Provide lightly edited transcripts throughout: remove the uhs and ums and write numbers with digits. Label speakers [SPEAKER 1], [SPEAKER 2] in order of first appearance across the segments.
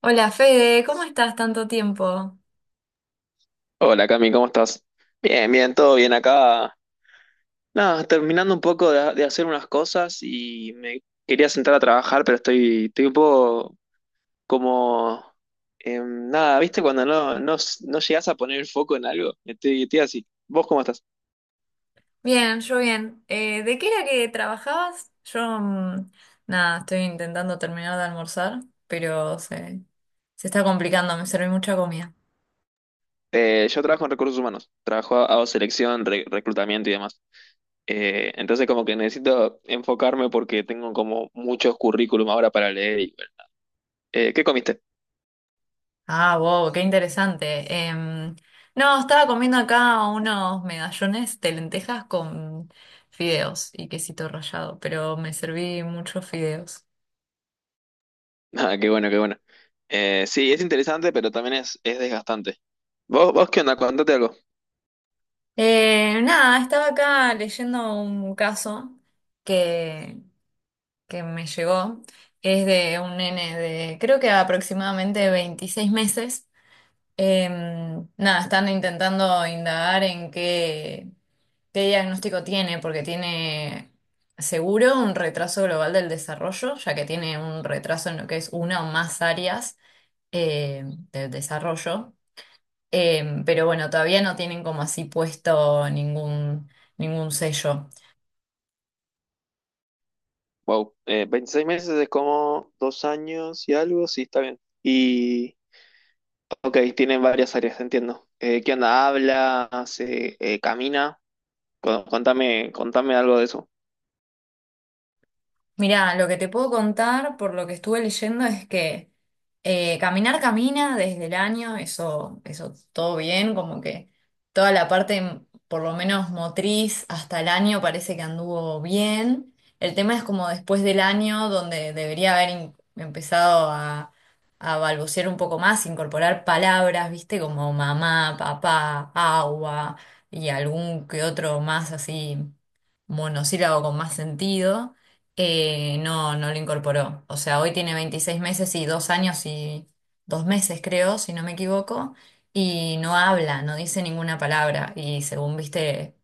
[SPEAKER 1] Hola Fede, ¿cómo estás? Tanto tiempo.
[SPEAKER 2] Hola Cami, ¿cómo estás? Bien, bien, todo bien acá. Nada, terminando un poco de hacer unas cosas y me quería sentar a trabajar, pero estoy un poco como... em, nada, ¿viste? Cuando no llegás a poner el foco en algo, estoy así. ¿Vos cómo estás?
[SPEAKER 1] Bien, yo bien. ¿De qué era que trabajabas? Yo, nada, estoy intentando terminar de almorzar, pero se está complicando, me serví mucha comida.
[SPEAKER 2] Yo trabajo en recursos humanos, trabajo, hago selección, reclutamiento y demás. Entonces como que necesito enfocarme porque tengo como muchos currículum ahora para leer. Y, bueno. ¿Qué comiste?
[SPEAKER 1] Ah, wow, qué interesante. No, estaba comiendo acá unos medallones de lentejas con fideos y quesito rallado, pero me serví muchos fideos.
[SPEAKER 2] Ah, qué bueno, qué bueno. Sí, es interesante, pero también es desgastante. ¿Vos qué onda? Cuéntate algo.
[SPEAKER 1] Nada, estaba acá leyendo un caso que que me llegó, es de un nene de creo que aproximadamente 26 meses. Nada, están intentando indagar en qué diagnóstico tiene, porque tiene seguro un retraso global del desarrollo, ya que tiene un retraso en lo que es una o más áreas eh, del desarrollo. Pero bueno, todavía no tienen como así puesto ningún sello.
[SPEAKER 2] Wow, 26 meses es como dos años y algo, sí, está bien. Y, ok, tienen varias áreas, entiendo. ¿Qué onda? ¿Habla? ¿Hace, camina? Contame, contame algo de eso.
[SPEAKER 1] Mirá, lo que te puedo contar por lo que estuve leyendo es que caminar camina desde el año, eso todo bien, como que toda la parte, por lo menos motriz, hasta el año parece que anduvo bien. El tema es como después del año, donde debería haber empezado a balbucear un poco más, incorporar palabras, viste, como mamá, papá, agua y algún que otro más así monosílabo con más sentido. No, no lo incorporó. O sea, hoy tiene 26 meses y 2 años y 2 meses, creo, si no me equivoco, y no habla, no dice ninguna palabra. Y según viste,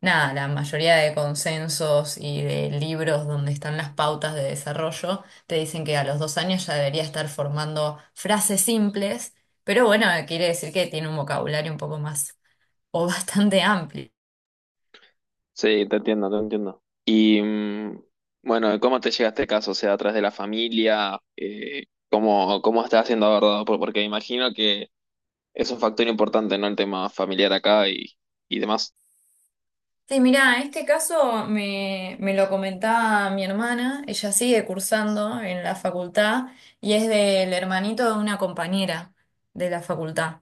[SPEAKER 1] nada, la mayoría de consensos y de libros donde están las pautas de desarrollo te dicen que a los 2 años ya debería estar formando frases simples, pero bueno, quiere decir que tiene un vocabulario un poco más o bastante amplio.
[SPEAKER 2] Sí, te entiendo, te entiendo. Y, bueno, ¿cómo te llega este caso? O sea, ¿atrás de la familia? ¿Cómo, cómo estás siendo abordado? Porque imagino que es un factor importante, ¿no? El tema familiar acá y demás.
[SPEAKER 1] Sí, mirá, este caso me lo comentaba mi hermana, ella sigue cursando en la facultad y es del hermanito de una compañera de la facultad.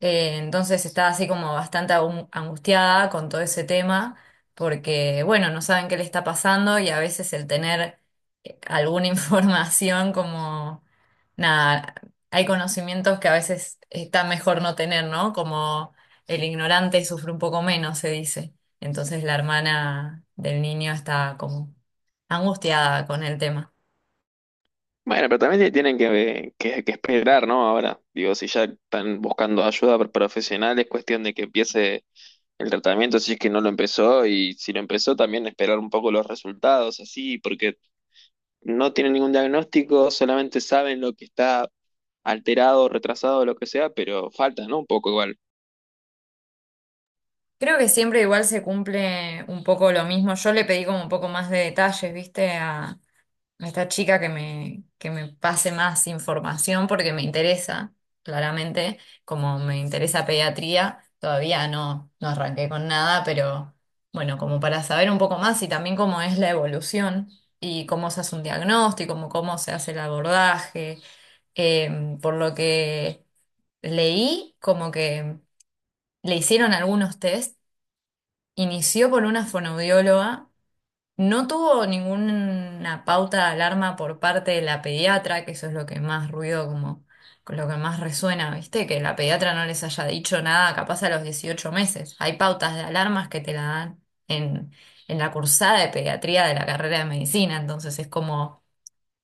[SPEAKER 1] Entonces está así como bastante angustiada con todo ese tema, porque bueno, no saben qué le está pasando y a veces el tener alguna información como, nada, hay conocimientos que a veces está mejor no tener, ¿no? Como el ignorante sufre un poco menos, se dice. Entonces la hermana del niño está como angustiada con el tema.
[SPEAKER 2] Bueno, pero también tienen que esperar, ¿no? Ahora, digo, si ya están buscando ayuda profesional, es cuestión de que empiece el tratamiento, si es que no lo empezó, y si lo empezó, también esperar un poco los resultados, así, porque no tienen ningún diagnóstico, solamente saben lo que está alterado, retrasado, lo que sea, pero falta, ¿no? Un poco igual.
[SPEAKER 1] Creo que siempre igual se cumple un poco lo mismo. Yo le pedí como un poco más de detalles, ¿viste? A esta chica, que me pase más información porque me interesa, claramente, como me interesa pediatría, todavía no, no arranqué con nada, pero bueno, como para saber un poco más y también cómo es la evolución y cómo se hace un diagnóstico, cómo se hace el abordaje. Por lo que leí, como que le hicieron algunos test, inició por una fonoaudióloga, no tuvo ninguna pauta de alarma por parte de la pediatra, que eso es lo que más ruido, como con lo que más resuena, ¿viste? Que la pediatra no les haya dicho nada, capaz a los 18 meses. Hay pautas de alarmas que te la dan en la cursada de pediatría de la carrera de medicina, entonces es como: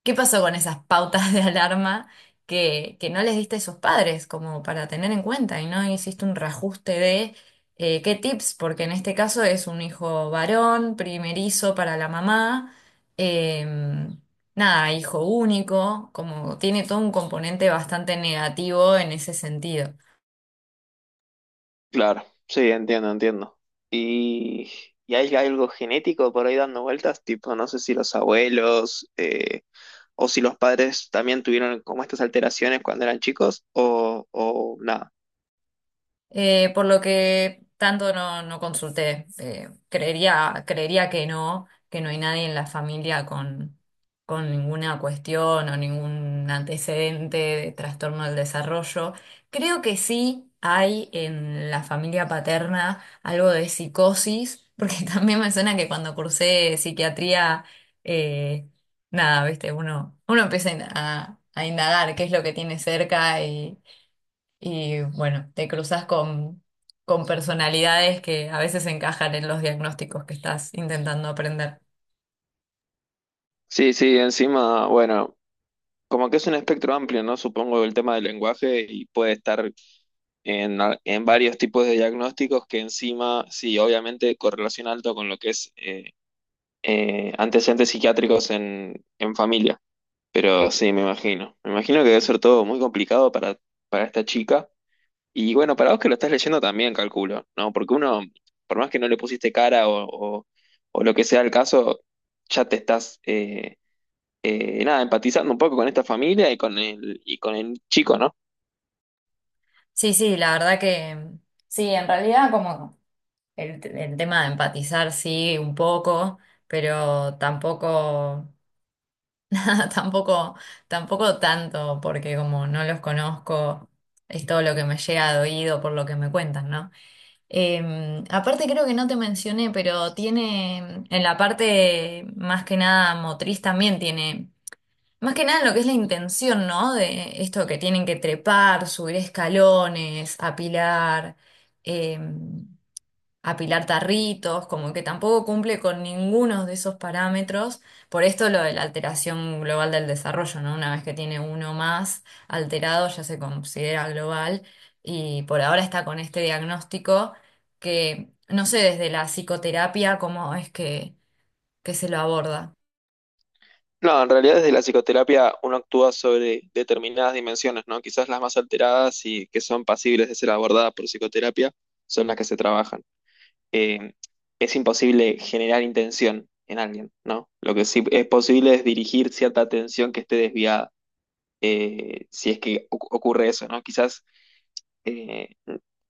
[SPEAKER 1] ¿qué pasó con esas pautas de alarma que no les diste a sus padres como para tener en cuenta y no hiciste un reajuste de qué tips? Porque en este caso es un hijo varón, primerizo para la mamá, eh, nada, hijo único, como tiene todo un componente bastante negativo en ese sentido.
[SPEAKER 2] Claro, sí, entiendo, entiendo. Y, y hay algo genético por ahí dando vueltas, tipo, no sé si los abuelos o si los padres también tuvieron como estas alteraciones cuando eran chicos o nada.
[SPEAKER 1] Por lo que tanto no, no consulté. Creería que no hay nadie en la familia con ninguna cuestión o ningún antecedente de trastorno del desarrollo. Creo que sí hay en la familia paterna algo de psicosis, porque también me suena que cuando cursé psiquiatría, eh, nada, viste, uno empieza a indagar qué es lo que tiene cerca y bueno, te cruzas con personalidades que a veces encajan en los diagnósticos que estás intentando aprender.
[SPEAKER 2] Sí, sí, encima, bueno, como que es un espectro amplio, ¿no? Supongo el tema del lenguaje y puede estar en, en varios tipos de diagnósticos que encima, sí, obviamente correlación alto con lo que es antecedentes psiquiátricos en familia. Pero sí, me imagino. Me imagino que debe ser todo muy complicado para esta chica. Y bueno, para vos que lo estás leyendo también, calculo, ¿no? Porque uno, por más que no le pusiste cara o, o- o lo que sea el caso, ya te estás, nada, empatizando un poco con esta familia y con el chico, ¿no?
[SPEAKER 1] Sí, sí, la verdad que sí, en realidad como el tema de empatizar, sí, un poco, pero tampoco, nada, tampoco tanto, porque como no los conozco, es todo lo que me llega de oído por lo que me cuentan, ¿no? Aparte creo que no te mencioné, pero tiene en la parte más que nada motriz también tiene, más que nada en lo que es la intención, ¿no? De esto que tienen que trepar, subir escalones, apilar. eh, Apilar tarritos, como que tampoco cumple con ninguno de esos parámetros. Por esto lo de la alteración global del desarrollo, ¿no? Una vez que tiene uno más alterado ya se considera global, y por ahora está con este diagnóstico, que no sé desde la psicoterapia cómo es que se lo aborda.
[SPEAKER 2] No, en realidad desde la psicoterapia uno actúa sobre determinadas dimensiones, ¿no? Quizás las más alteradas y que son pasibles de ser abordadas por psicoterapia son las que se trabajan. eh, es imposible generar intención en alguien, ¿no? Lo que sí es posible es dirigir cierta atención que esté desviada, si es que ocurre eso, ¿no? Quizás eh,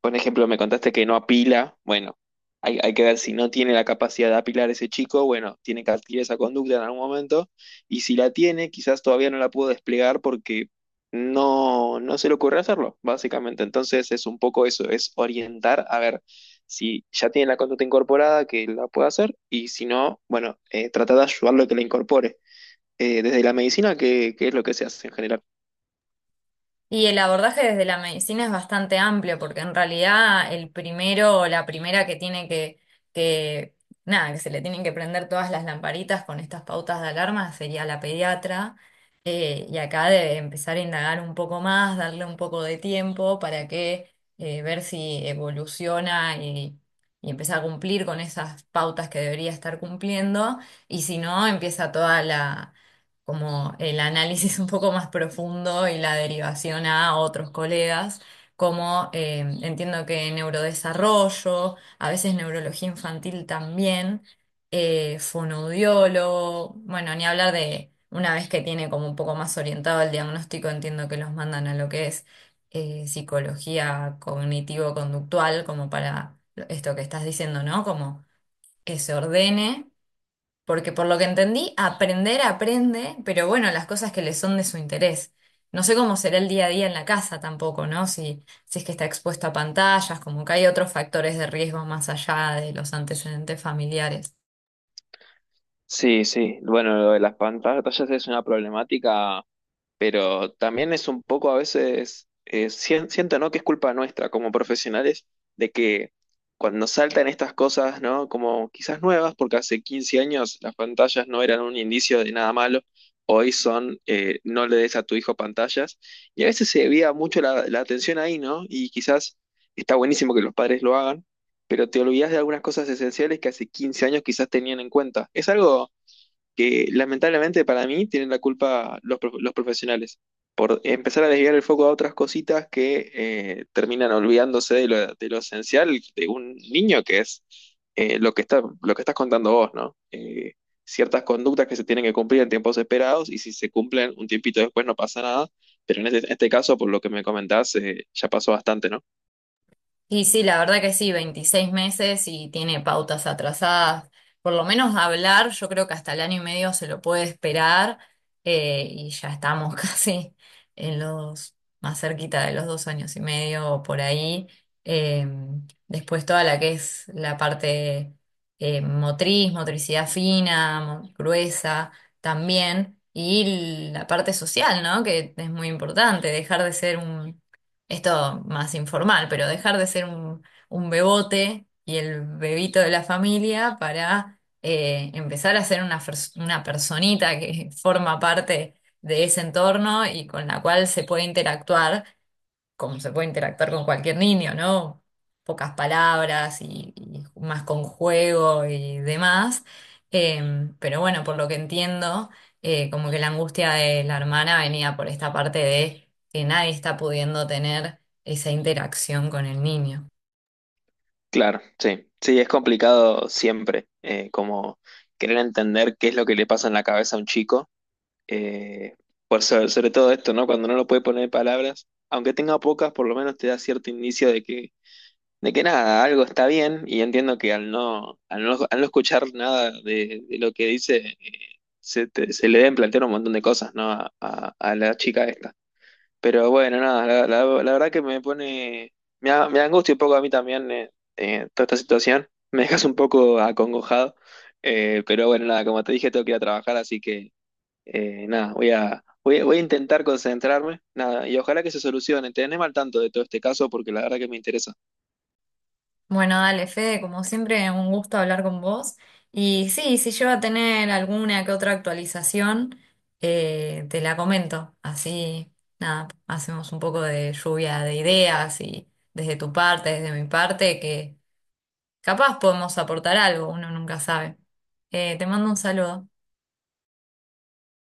[SPEAKER 2] por ejemplo, me contaste que no apila. Bueno, hay que ver si no tiene la capacidad de apilar ese chico. Bueno, tiene que adquirir esa conducta en algún momento. Y si la tiene, quizás todavía no la pudo desplegar porque no se le ocurre hacerlo, básicamente. Entonces es un poco eso, es orientar a ver si ya tiene la conducta incorporada, que la pueda hacer. Y si no, bueno, tratar de ayudarlo a que la incorpore. Desde la medicina, ¿qué es lo que se hace en general?
[SPEAKER 1] Y el abordaje desde la medicina es bastante amplio, porque en realidad el primero o la primera que tiene que, nada, que se le tienen que prender todas las lamparitas con estas pautas de alarma sería la pediatra. Y acá debe empezar a indagar un poco más, darle un poco de tiempo para que ver si evoluciona y empieza a cumplir con esas pautas que debería estar cumpliendo. Y si no, empieza toda como el análisis un poco más profundo y la derivación a otros colegas, como entiendo que neurodesarrollo, a veces neurología infantil también, fonoaudiólogo, bueno, ni hablar de una vez que tiene como un poco más orientado el diagnóstico, entiendo que los mandan a lo que es psicología cognitivo-conductual, como para esto que estás diciendo, ¿no? Como que se ordene. Porque por lo que entendí, aprender aprende, pero bueno, las cosas que le son de su interés. No sé cómo será el día a día en la casa tampoco, ¿no? Si es que está expuesto a pantallas, como que hay otros factores de riesgo más allá de los antecedentes familiares.
[SPEAKER 2] Sí, sí. Bueno, lo de las pantallas es una problemática, pero también es un poco a veces, siento, ¿no? que es culpa nuestra como profesionales de que cuando saltan estas cosas, ¿no? Como quizás nuevas, porque hace 15 años las pantallas no eran un indicio de nada malo, hoy son, no le des a tu hijo pantallas, y a veces se desvía mucho la atención ahí, ¿no? Y quizás está buenísimo que los padres lo hagan. Pero te olvidas de algunas cosas esenciales que hace 15 años quizás tenían en cuenta. Es algo que lamentablemente para mí tienen la culpa los profesionales por empezar a desviar el foco a otras cositas que terminan olvidándose de lo esencial de un niño que es lo que estás contando vos, ¿no? Ciertas conductas que se tienen que cumplir en tiempos esperados y si se cumplen un tiempito después no pasa nada, pero en este, este caso, por lo que me comentás, ya pasó bastante, ¿no?
[SPEAKER 1] Y sí, la verdad que sí, 26 meses y tiene pautas atrasadas. Por lo menos hablar, yo creo que hasta el año y medio se lo puede esperar, y ya estamos casi en los más cerquita de los 2 años y medio o por ahí. Eh, Después toda la que es la parte motriz, motricidad fina, gruesa también, y la parte social, ¿no? Que es muy importante, dejar de ser un, esto más informal, pero dejar de ser un bebote y el bebito de la familia para empezar a ser una personita que forma parte de ese entorno y con la cual se puede interactuar como se puede interactuar con cualquier niño, ¿no? Pocas palabras y más con juego y demás. Pero bueno, por lo que entiendo, como que la angustia de la hermana venía por esta parte de que nadie está pudiendo tener esa interacción con el niño.
[SPEAKER 2] Claro, sí, sí, es complicado siempre, como querer entender qué es lo que le pasa en la cabeza a un chico. Eh, por sobre, sobre todo esto, ¿no? Cuando no lo puede poner en palabras, aunque tenga pocas, por lo menos te da cierto indicio de que nada, algo está bien, y entiendo que al no, al no, al no escuchar nada de, de lo que dice, se le deben plantear un montón de cosas, ¿no? A, a la chica esta. Pero bueno, nada, la, la verdad que me pone, me angustia un poco a mí también toda esta situación, me dejas un poco acongojado. Pero bueno, nada, como te dije, tengo que ir a trabajar, así que nada, voy a, voy, voy a intentar concentrarme, nada, y ojalá que se solucione. Tenedme al tanto de todo este caso porque la verdad que me interesa.
[SPEAKER 1] Bueno, dale, Fede, como siempre, un gusto hablar con vos. Y sí, si llego a tener alguna que otra actualización, te la comento. Así, nada, hacemos un poco de lluvia de ideas y desde tu parte, desde mi parte, que capaz podemos aportar algo, uno nunca sabe. Te mando un saludo.